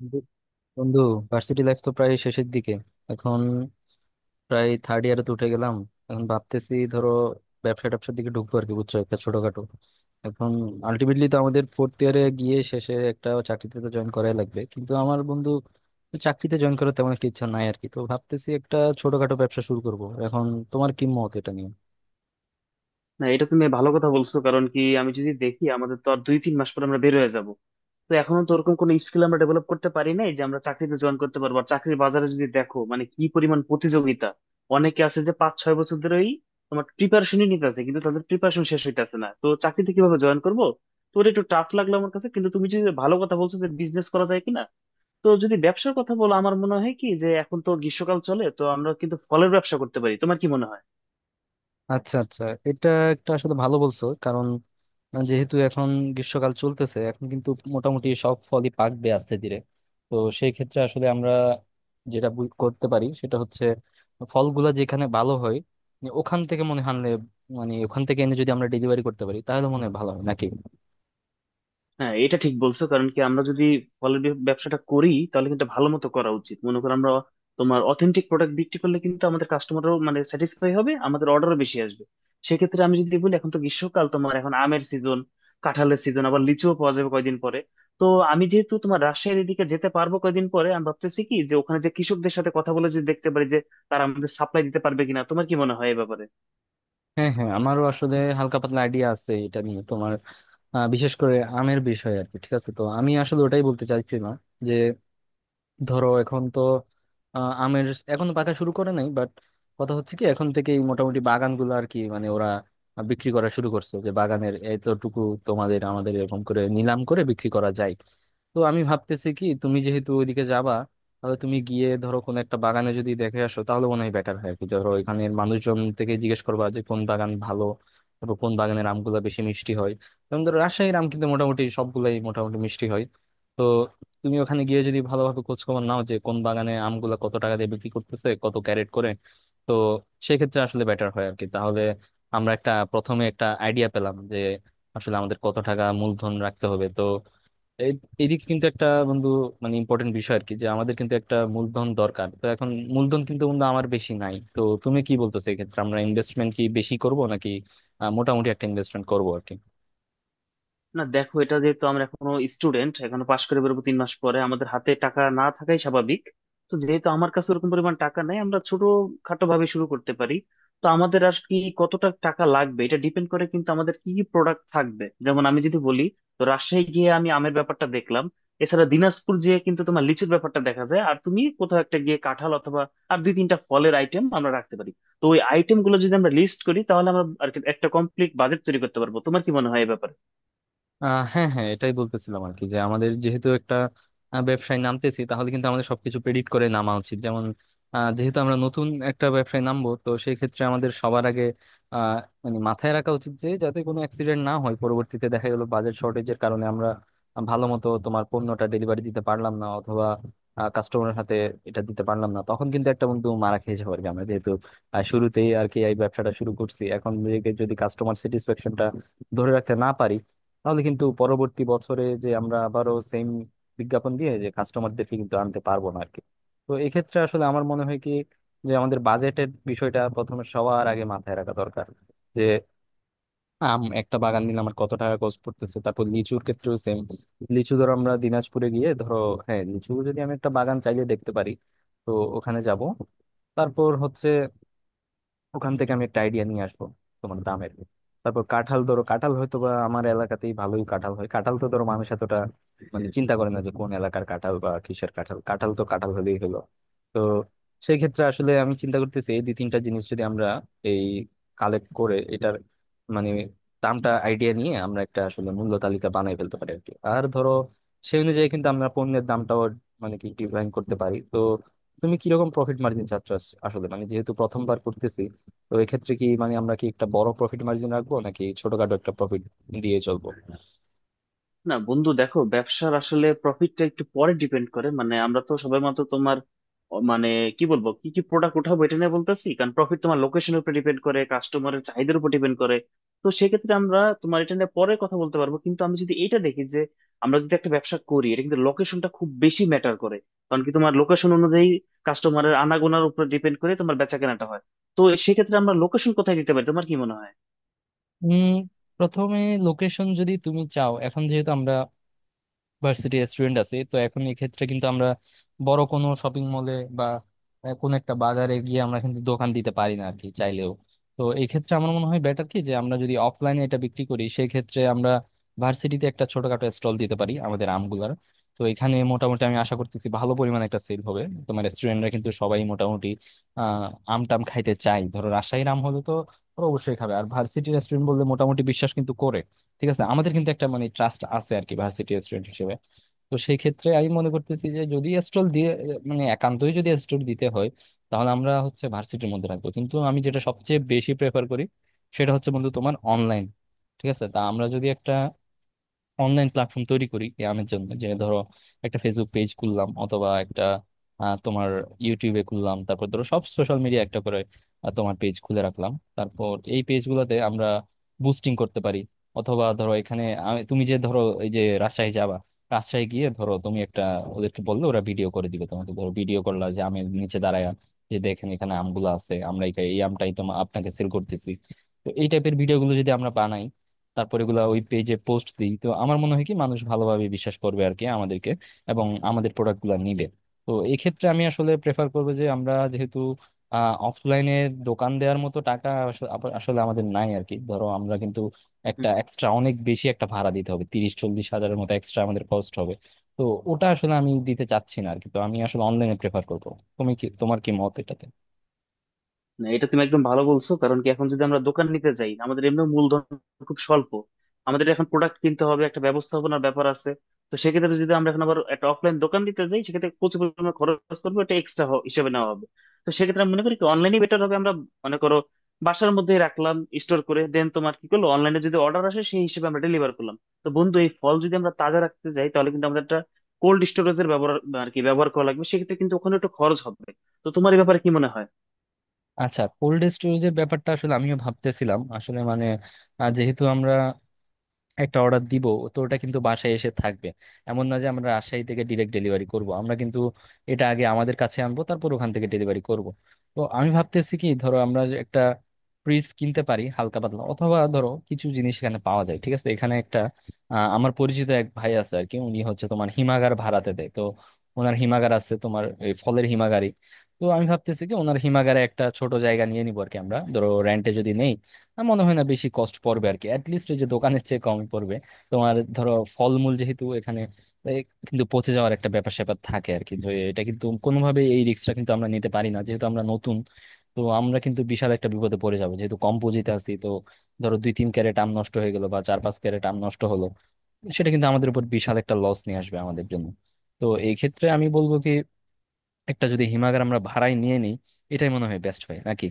বন্ধু বন্ধু, varsity life তো প্রায় শেষের দিকে। এখন প্রায় থার্ড ইয়ারে তো উঠে গেলাম। এখন ভাবতেছি ধরো, ব্যবসা ট্যাবসার দিকে ঢুকবো আর কি, বুঝছো, একটা ছোটখাটো। এখন আলটিমেটলি তো আমাদের ফোর্থ ইয়ারে গিয়ে শেষে একটা চাকরিতে তো জয়েন করাই লাগবে, কিন্তু আমার বন্ধু, চাকরিতে জয়েন করার তেমন একটা ইচ্ছা নাই আর কি। তো ভাবতেছি একটা ছোটখাটো ব্যবসা শুরু করব এখন। তোমার কি মত এটা নিয়ে? না, এটা তুমি ভালো কথা বলছো। কারণ কি, আমি যদি দেখি আমাদের তো আর 2-3 মাস পর আমরা বের হয়ে যাব। তো এখনো তো ওরকম কোনো স্কিল আমরা ডেভেলপ করতে পারি নাই যে আমরা চাকরিতে জয়েন করতে পারবো। আর চাকরির বাজারে যদি দেখো, মানে কি পরিমাণ প্রতিযোগিতা! অনেকে আছে যে 5-6 বছর ধরেই তোমার প্রিপারেশনই নিতে আছে, কিন্তু তাদের প্রিপারেশন শেষ হইতেছে না। তো চাকরিতে কিভাবে জয়েন করবো? তোর একটু টাফ লাগলো আমার কাছে, কিন্তু তুমি যদি ভালো কথা বলছো যে বিজনেস করা যায় কিনা। তো যদি ব্যবসার কথা বলো, আমার মনে হয় কি যে এখন তো গ্রীষ্মকাল চলে, তো আমরা কিন্তু ফলের ব্যবসা করতে পারি। তোমার কি মনে হয়? আচ্ছা, আচ্ছা। এটা একটা আসলে ভালো বলছো, কারণ যেহেতু এখন গ্রীষ্মকাল চলতেছে, এখন কিন্তু মোটামুটি সব ফলই পাকবে আস্তে ধীরে। তো সেই ক্ষেত্রে আসলে আমরা যেটা করতে পারি সেটা হচ্ছে, ফলগুলা যেখানে ভালো হয় মানে ওখান থেকে মনে হয় আনলে, মানে ওখান থেকে এনে যদি আমরা ডেলিভারি করতে পারি তাহলে মনে হয় ভালো হয় নাকি। হ্যাঁ, এটা ঠিক বলছো। কারণ কি, আমরা যদি ফলের ব্যবসাটা করি তাহলে কিন্তু ভালো মতো করা উচিত। মনে করো আমরা তোমার অথেন্টিক প্রোডাক্ট বিক্রি করলে কিন্তু আমাদের কাস্টমারও মানে স্যাটিসফাই হবে, আমাদের অর্ডারও বেশি আসবে। সেক্ষেত্রে আমি যদি বলি, এখন তো গ্রীষ্মকাল, তোমার এখন আমের সিজন, কাঁঠালের সিজন, আবার লিচুও পাওয়া যাবে কয়দিন পরে। তো আমি যেহেতু তোমার রাজশাহীর এদিকে যেতে পারবো কয়দিন পরে, আমি ভাবতেছি কি যে ওখানে যে কৃষকদের সাথে কথা বলে যদি দেখতে পারি যে তারা আমাদের সাপ্লাই দিতে পারবে কিনা। তোমার কি মনে হয় এ ব্যাপারে? হ্যাঁ, হ্যাঁ, আমারও আসলে হালকা পাতলা আইডিয়া আছে এটা নিয়ে। তোমার বিশেষ করে আমের বিষয়ে আর কি। ঠিক আছে, তো আমি আসলে ওটাই বলতে চাইছিলাম। ধরো এখন তো আমের এখন পাকা শুরু করে নাই, বাট কথা হচ্ছে কি, এখন থেকেই মোটামুটি বাগানগুলো আর কি, মানে ওরা বিক্রি করা শুরু করছে যে বাগানের এতটুকু তোমাদের আমাদের এরকম করে নিলাম করে বিক্রি করা যায়। তো আমি ভাবতেছি কি, তুমি যেহেতু ওইদিকে যাবা, তাহলে তুমি গিয়ে ধরো কোন একটা বাগানে যদি দেখে আসো তাহলে মনে হয় বেটার হয় আর কি। ধরো এখানের মানুষজন থেকে জিজ্ঞেস করবা যে কোন বাগান ভালো, তারপর কোন বাগানের আমগুলো বেশি মিষ্টি হয়। যেমন ধরো রাজশাহীর আম কিন্তু মোটামুটি সবগুলাই মোটামুটি মিষ্টি হয়। তো তুমি ওখানে গিয়ে যদি ভালোভাবে খোঁজখবর নাও যে কোন বাগানে আমগুলা কত টাকা দিয়ে বিক্রি করতেছে, কত ক্যারেট করে, তো সেক্ষেত্রে আসলে বেটার হয় আর কি। তাহলে আমরা একটা, প্রথমে একটা আইডিয়া পেলাম যে আসলে আমাদের কত টাকা মূলধন রাখতে হবে। তো এইদিকে কিন্তু একটা, বন্ধু, মানে ইম্পর্টেন্ট বিষয় আর কি, যে আমাদের কিন্তু একটা মূলধন দরকার। তো এখন মূলধন কিন্তু বন্ধু আমার বেশি নাই। তো তুমি কি বলতেছো, এক্ষেত্রে আমরা ইনভেস্টমেন্ট কি বেশি করব নাকি মোটামুটি একটা ইনভেস্টমেন্ট করবো আর কি? না দেখো, এটা যেহেতু আমরা এখনো স্টুডেন্ট, এখনো পাশ করে বেরোবো 3 মাস পরে, আমাদের হাতে টাকা না থাকাই স্বাভাবিক। তো যেহেতু আমার কাছে ওরকম পরিমাণ টাকা নাই, আমরা ছোট খাটো ভাবে শুরু করতে পারি। তো আমাদের আর কি কতটা টাকা লাগবে এটা ডিপেন্ড করে কিন্তু আমাদের কি কি প্রোডাক্ট থাকবে। যেমন আমি যদি বলি, তো রাজশাহী গিয়ে আমি আমের ব্যাপারটা দেখলাম, এছাড়া দিনাজপুর গিয়ে কিন্তু তোমার লিচুর ব্যাপারটা দেখা যায়, আর তুমি কোথাও একটা গিয়ে কাঁঠাল অথবা আর দুই তিনটা ফলের আইটেম আমরা রাখতে পারি। তো ওই আইটেম গুলো যদি আমরা লিস্ট করি তাহলে আমরা আর কি একটা কমপ্লিট বাজেট তৈরি করতে পারবো। তোমার কি মনে হয় এই ব্যাপারে? হ্যাঁ, হ্যাঁ, এটাই বলতেছিলাম আর কি, যে আমাদের যেহেতু একটা ব্যবসায় নামতেছি, তাহলে কিন্তু আমাদের সবকিছু প্রেডিক্ট করে নামা উচিত। যেমন যেহেতু আমরা নতুন একটা ব্যবসায় নামবো, তো সেই ক্ষেত্রে আমাদের সবার আগে আহ, মানে মাথায় রাখা উচিত যে যাতে কোনো অ্যাক্সিডেন্ট না হয়, পরবর্তীতে দেখা গেলো বাজেট শর্টেজের কারণে আমরা ভালো মতো তোমার পণ্যটা ডেলিভারি দিতে পারলাম না, অথবা কাস্টমারের হাতে এটা দিতে পারলাম না, তখন কিন্তু একটা বন্ধু মারা খেয়ে যাবো আর কি। আমরা যেহেতু শুরুতেই আর কি এই ব্যবসাটা শুরু করছি, এখন যদি কাস্টমার স্যাটিসফ্যাকশনটা ধরে রাখতে না পারি, তাহলে কিন্তু পরবর্তী বছরে যে আমরা আবারও সেম বিজ্ঞাপন দিয়ে যে কাস্টমারদেরকে কিন্তু আনতে পারবো না আরকি। তো এক্ষেত্রে আসলে আমার মনে হয় কি, যে আমাদের বাজেটের বিষয়টা প্রথমে সবার আগে মাথায় রাখা দরকার। যে আম, একটা বাগান নিলে আমার কত টাকা খরচ পড়তেছে, তারপর লিচুর ক্ষেত্রেও সেম। লিচু ধরো আমরা দিনাজপুরে গিয়ে ধরো, হ্যাঁ, লিচু যদি আমি একটা বাগান চাইলে দেখতে পারি, তো ওখানে যাব, তারপর হচ্ছে ওখান থেকে আমি একটা আইডিয়া নিয়ে আসবো তোমার দামের। তারপর কাঁঠাল, ধরো কাঁঠাল হয়তো বা আমার এলাকাতেই ভালোই কাঁঠাল হয়। কাঁঠাল তো ধরো মানুষ এতটা মানে চিন্তা করে না যে কোন এলাকার কাঁঠাল বা কিসের কাঁঠাল, কাঁঠাল তো কাঁঠাল হলেই হলো। তো সেই ক্ষেত্রে আসলে আমি চিন্তা করতেছি, এই দুই তিনটা জিনিস যদি আমরা এই কালেক্ট করে এটার মানে দামটা আইডিয়া নিয়ে আমরা একটা আসলে মূল্য তালিকা বানাই ফেলতে পারি আর কি। আর ধরো সেই অনুযায়ী কিন্তু আমরা পণ্যের দামটাও মানে কি ডিজাইন করতে পারি। তো তুমি কিরকম প্রফিট মার্জিন চাচ্ছ আসলে, মানে যেহেতু প্রথমবার করতেছি, তো এক্ষেত্রে কি মানে আমরা কি একটা বড় প্রফিট মার্জিন রাখবো নাকি ছোটখাটো একটা প্রফিট দিয়ে চলবো? না বন্ধু দেখো, ব্যবসার আসলে প্রফিটটা একটু পরে ডিপেন্ড করে। মানে আমরা তো সবেমাত্র তোমার মানে কি বলবো কি কি প্রোডাক্ট উঠাবো এটা নিয়ে বলতেছি। কারণ প্রফিট তোমার লোকেশনের উপর ডিপেন্ড করে, কাস্টমারের চাহিদার উপর ডিপেন্ড করে। তো সেক্ষেত্রে আমরা তোমার এটা নিয়ে পরে কথা বলতে পারবো। কিন্তু আমি যদি এটা দেখি যে আমরা যদি একটা ব্যবসা করি, এটা কিন্তু লোকেশনটা খুব বেশি ম্যাটার করে। কারণ কি, তোমার লোকেশন অনুযায়ী কাস্টমারের আনাগোনার উপর ডিপেন্ড করে তোমার বেচাকেনাটা হয়। তো সেক্ষেত্রে আমরা লোকেশন কোথায় দিতে পারি? তোমার কি মনে হয়? উম প্রথমে লোকেশন যদি তুমি চাও, এখন যেহেতু আমরা ভার্সিটি স্টুডেন্ট আছি, তো এখন এই ক্ষেত্রে কিন্তু আমরা বড় কোনো শপিং মলে বা কোনো একটা বাজারে গিয়ে আমরা কিন্তু দোকান দিতে পারি না আর কি, চাইলেও। তো এই ক্ষেত্রে আমার মনে হয় বেটার কি, যে আমরা যদি অফলাইনে এটা বিক্রি করি সেই ক্ষেত্রে আমরা ভার্সিটিতে একটা ছোটখাটো স্টল দিতে পারি আমাদের আমগুলার। তো এখানে মোটামুটি আমি আশা করতেছি ভালো পরিমাণে একটা সেল হবে। তোমার স্টুডেন্টরা কিন্তু সবাই মোটামুটি আহ আম টাম খাইতে চায়। ধরো রাজশাহীর আম হলে তো ওরা অবশ্যই খাবে, আর ভার্সিটির স্টুডেন্ট বললে মোটামুটি বিশ্বাস কিন্তু করে, ঠিক আছে, আমাদের কিন্তু একটা মানে ট্রাস্ট আছে আর কি, ভার্সিটি স্টুডেন্ট হিসেবে। তো সেই ক্ষেত্রে আমি মনে করতেছি যে যদি স্টল দিয়ে, মানে একান্তই যদি স্টল দিতে হয় তাহলে আমরা হচ্ছে ভার্সিটির মধ্যে রাখবো, কিন্তু আমি যেটা সবচেয়ে বেশি প্রেফার করি সেটা হচ্ছে বন্ধু, তোমার অনলাইন। ঠিক আছে, তা আমরা যদি একটা অনলাইন প্ল্যাটফর্ম তৈরি করি ব্যায়ামের জন্য, যে ধরো একটা ফেসবুক পেজ খুললাম, অথবা একটা তোমার ইউটিউবে খুললাম, তারপর ধরো সব সোশ্যাল মিডিয়া একটা করে তোমার পেজ খুলে রাখলাম। তারপর এই পেজগুলোতে আমরা বুস্টিং করতে পারি, অথবা ধরো এখানে তুমি যে ধরো এই যে রাজশাহী যাবা, রাজশাহী গিয়ে ধরো তুমি একটা ওদেরকে বললে ওরা ভিডিও করে দিবে তোমাকে, ধরো ভিডিও করলা যে আমি নিচে দাঁড়ায়, যে দেখেন এখানে আমগুলো আছে, আমরা এই এই আমটাই তোমার আপনাকে সেল করতেছি। তো এই টাইপের ভিডিওগুলো যদি আমরা বানাই, তারপর এগুলা ওই পেজে পোস্ট দিই, তো আমার মনে হয় কি মানুষ ভালোভাবে বিশ্বাস করবে আর কি আমাদেরকে, এবং আমাদের প্রোডাক্ট গুলা নিবে। তো এই ক্ষেত্রে আমি আসলে প্রেফার করবো যে, আমরা যেহেতু অফলাইনে দোকান দেওয়ার মতো টাকা আসলে আমাদের নাই আর কি। ধরো আমরা কিন্তু একটা এক্সট্রা অনেক বেশি একটা ভাড়া দিতে হবে, 30-40 হাজারের মতো এক্সট্রা আমাদের কস্ট হবে। তো ওটা আসলে আমি দিতে চাচ্ছি না আর কি। তো আমি আসলে অনলাইনে প্রেফার করবো। তুমি কি, তোমার কি মত এটাতে? না, এটা তুমি একদম ভালো বলছো। কারণ কি, এখন যদি আমরা দোকান নিতে যাই আমাদের এমনি মূলধন খুব স্বল্প। আমাদের এখন প্রোডাক্ট কিনতে হবে, একটা ব্যবস্থাপনার ব্যাপার আছে। তো সেক্ষেত্রে যদি আমরা এখন আবার একটা অফলাইন দোকান দিতে যাই, সেক্ষেত্রে প্রচুর পরিমাণে খরচ করবো, এটা এক্সট্রা হিসেবে নেওয়া হবে। তো সেক্ষেত্রে আমি মনে করি কি অনলাইনে বেটার হবে। আমরা মনে করো বাসার মধ্যেই রাখলাম, স্টোর করে দেন তোমার কি করলো, অনলাইনে যদি অর্ডার আসে সেই হিসেবে আমরা ডেলিভার করলাম। তো বন্ধু, এই ফল যদি আমরা তাজা রাখতে যাই তাহলে কিন্তু আমাদের একটা কোল্ড স্টোরেজের ব্যবহার আর কি ব্যবহার করা লাগবে। সেক্ষেত্রে কিন্তু ওখানে একটু খরচ হবে। তো তোমার এই ব্যাপারে কি মনে হয়? আচ্ছা, কোল্ড স্টোরেজের ব্যাপারটা আসলে আমিও ভাবতেছিলাম আসলে, মানে যেহেতু আমরা একটা অর্ডার দিব, তো ওটা কিন্তু বাসায় এসে থাকবে। এমন না যে আমরা রাজশাহী থেকে ডিরেক্ট ডেলিভারি করব, আমরা কিন্তু এটা আগে আমাদের কাছে আনবো তারপর ওখান থেকে ডেলিভারি করব। তো আমি ভাবতেছি কি ধরো আমরা যে একটা ফ্রিজ কিনতে পারি হালকা পাতলা, অথবা ধরো কিছু জিনিস এখানে পাওয়া যায়, ঠিক আছে, এখানে একটা আমার পরিচিত এক ভাই আছে আর কি, উনি হচ্ছে তোমার হিমাগার ভাড়াতে দেয়। তো ওনার হিমাগার আছে, তোমার এই ফলের হিমাগারই। তো আমি ভাবতেছি কি ওনার হিমাগারে একটা ছোট জায়গা নিয়ে নিবো আর কি। আমরা ধরো রেন্টে যদি নেই, আমার মনে হয় না বেশি কস্ট পড়বে আর কি, অ্যাটলিস্ট ওই যে দোকানের চেয়ে কম পড়বে। তোমার ধরো ফলমূল যেহেতু এখানে এ, কিন্তু পচে যাওয়ার একটা ব্যাপার স্যাপার থাকে আর কি, যে এটা কিন্তু কোনোভাবে, এই রিস্কটা কিন্তু আমরা নিতে পারি না যেহেতু আমরা নতুন। তো আমরা কিন্তু বিশাল একটা বিপদে পড়ে যাবো যেহেতু কম পুঁজিতে আছি। তো ধরো 2-3 ক্যারেট আম নষ্ট হয়ে গেলো, বা 4-5 ক্যারেট আম নষ্ট হলো, সেটা কিন্তু আমাদের উপর বিশাল একটা লস নিয়ে আসবে আমাদের জন্য। তো এই ক্ষেত্রে আমি বলবো কি, একটা যদি হিমাগার আমরা ভাড়ায় নিয়ে নিই, এটাই মনে হয় বেস্ট হয় নাকি।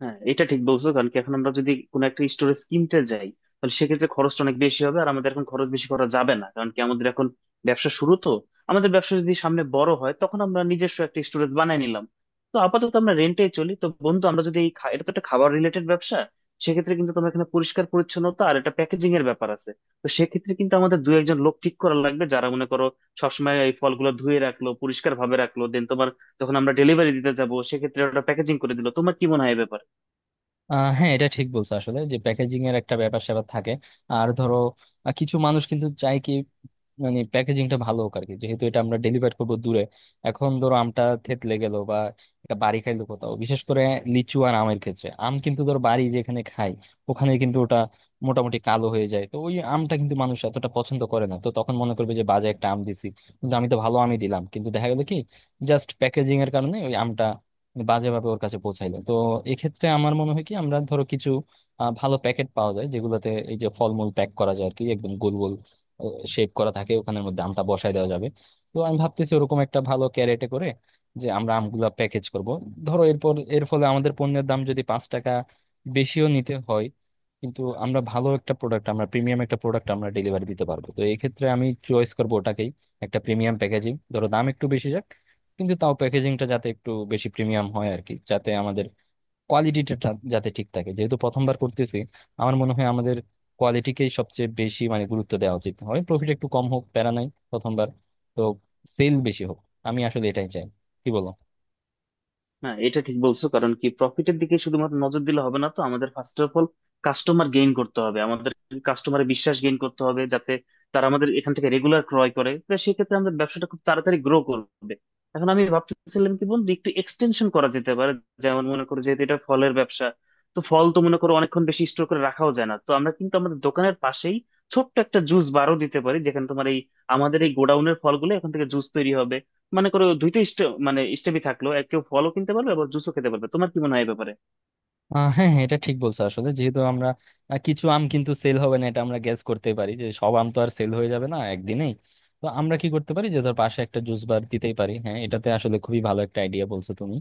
হ্যাঁ, এটা ঠিক বলছো। কারণ কি, এখন আমরা যদি কোনো একটা স্টোরেজ কিনতে যাই তাহলে সেক্ষেত্রে খরচটা অনেক বেশি হবে। আর আমাদের এখন খরচ বেশি করা যাবে না, কারণ কি আমাদের এখন ব্যবসা শুরু। তো আমাদের ব্যবসা যদি সামনে বড় হয় তখন আমরা নিজস্ব একটা স্টোরেজ বানিয়ে নিলাম। তো আপাতত আমরা রেন্টে চলি। তো বন্ধু, আমরা যদি এই এটা তো একটা খাবার রিলেটেড ব্যবসা, সেক্ষেত্রে কিন্তু তোমার এখানে পরিষ্কার পরিচ্ছন্নতা আর একটা প্যাকেজিং এর ব্যাপার আছে। তো সেক্ষেত্রে কিন্তু আমাদের দু একজন লোক ঠিক করা লাগবে যারা মনে করো সবসময় এই ফলগুলো ধুয়ে রাখলো, পরিষ্কার ভাবে রাখলো, দেন তোমার যখন আমরা ডেলিভারি দিতে যাবো সেক্ষেত্রে ওটা প্যাকেজিং করে দিলো। তোমার কি মনে হয় এ ব্যাপারে? হ্যাঁ, এটা ঠিক বলছো আসলে, যে প্যাকেজিং এর একটা ব্যাপার স্যাপার থাকে। আর ধরো কিছু মানুষ কিন্তু চায় কি, মানে প্যাকেজিংটা ভালো হোক আর কি, যেহেতু এটা আমরা ডেলিভার করবো দূরে। এখন ধরো আমটা থেতলে গেল, বা এটা বাড়ি খাইলো কোথাও, বিশেষ করে লিচু আর আমের ক্ষেত্রে। আম কিন্তু ধরো বাড়ি যেখানে খাই, ওখানে কিন্তু ওটা মোটামুটি কালো হয়ে যায়, তো ওই আমটা কিন্তু মানুষ এতটা পছন্দ করে না। তো তখন মনে করবে যে বাজে একটা আম দিছি, কিন্তু আমি তো ভালো আমই দিলাম, কিন্তু দেখা গেলো কি জাস্ট প্যাকেজিং এর কারণে ওই আমটা মানে বাজেভাবে ওর কাছে পৌঁছাইলো। তো এক্ষেত্রে আমার মনে হয় কি, আমরা ধরো কিছু ভালো প্যাকেট পাওয়া যায় যেগুলোতে এই যে ফলমূল প্যাক করা যায় আর কি, একদম গোল গোল শেপ করা থাকে, ওখানের মধ্যে আমটা বসায় দেওয়া যাবে। তো আমি ভাবতেছি ওরকম একটা ভালো ক্যারেটে করে যে আমরা আমগুলা প্যাকেজ করব। ধরো এরপর এর ফলে আমাদের পণ্যের দাম যদি 5 টাকা বেশিও নিতে হয়, কিন্তু আমরা ভালো একটা প্রোডাক্ট, আমরা প্রিমিয়াম একটা প্রোডাক্ট আমরা ডেলিভারি দিতে পারবো, তো এই ক্ষেত্রে আমি চয়েস করবো ওটাকেই। একটা প্রিমিয়াম প্যাকেজিং, ধরো দাম একটু বেশি যাক, কিন্তু তাও প্যাকেজিংটা যাতে একটু বেশি প্রিমিয়াম হয় আর কি, যাতে আমাদের কোয়ালিটিটা যাতে ঠিক থাকে, যেহেতু প্রথমবার করতেছি। আমার মনে হয় আমাদের কোয়ালিটিকেই সবচেয়ে বেশি মানে গুরুত্ব দেওয়া উচিত হয়। প্রফিট একটু কম হোক, প্যারা নাই, প্রথমবার তো সেল বেশি হোক, আমি আসলে এটাই চাই। কি বলো? না এটা ঠিক বলছো। কারণ কি, প্রফিটের দিকে শুধুমাত্র নজর দিলে হবে না। তো আমাদের first of all customer gain করতে হবে, আমাদের কাস্টমারে বিশ্বাস গেইন করতে হবে যাতে তারা আমাদের এখান থেকে রেগুলার ক্রয় করে। তো সেক্ষেত্রে আমাদের ব্যবসাটা খুব তাড়াতাড়ি গ্রো করবে। এখন আমি ভাবতেছিলাম কি বন্ধু, একটু এক্সটেনশন করা যেতে পারে। যেমন মনে করো, যেহেতু এটা ফলের ব্যবসা, তো ফল তো মনে করো অনেকক্ষণ বেশি স্টোর করে রাখাও যায় না। তো আমরা কিন্তু আমাদের দোকানের পাশেই ছোট্ট একটা জুস বারও দিতে পারি, যেখানে তোমার এই আমাদের এই গোডাউনের ফলগুলো এখান থেকে জুস তৈরি হবে। মানে করো দুইটা স্টেপই থাকলো, এক কেউ ফলও কিনতে পারবে আবার জুসও খেতে পারবে। তোমার কি মনে হয় এই ব্যাপারে? হ্যাঁ, হ্যাঁ, এটা ঠিক বলছো আসলে, যেহেতু আমরা কিছু আম কিন্তু সেল হবে না, এটা আমরা গ্যাস করতে পারি, যে সব আম তো আর সেল হয়ে যাবে না একদিনেই। তো আমরা কি করতে পারি, যে ধর পাশে একটা জুস বার দিতেই পারি। হ্যাঁ, এটাতে আসলে খুবই ভালো একটা আইডিয়া বলছো তুমি।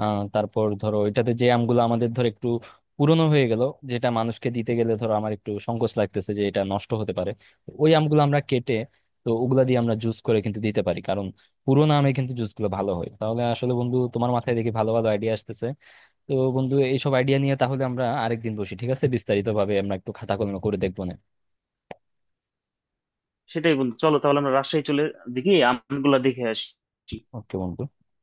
তারপর ধরো এটাতে যে আমগুলো আমাদের ধর একটু পুরনো হয়ে গেল, যেটা মানুষকে দিতে গেলে ধরো আমার একটু সংকোচ লাগতেছে যে এটা নষ্ট হতে পারে, তো ওই আমগুলো আমরা কেটে, তো ওগুলা দিয়ে আমরা জুস করে কিন্তু দিতে পারি, কারণ পুরোনো আমে কিন্তু জুসগুলো ভালো হয়। তাহলে আসলে বন্ধু, তোমার মাথায় দেখি ভালো ভালো আইডিয়া আসতেছে। তো বন্ধু, এইসব আইডিয়া নিয়ে তাহলে আমরা আরেকদিন বসি, ঠিক আছে? বিস্তারিত ভাবে আমরা একটু খাতা কলম করে দেখবো না। সেটাই বন্ধু, চলো তাহলে আমরা রাজশাহী চলে দেখি আমগুলা দেখে আসি। ওকে বন্ধু।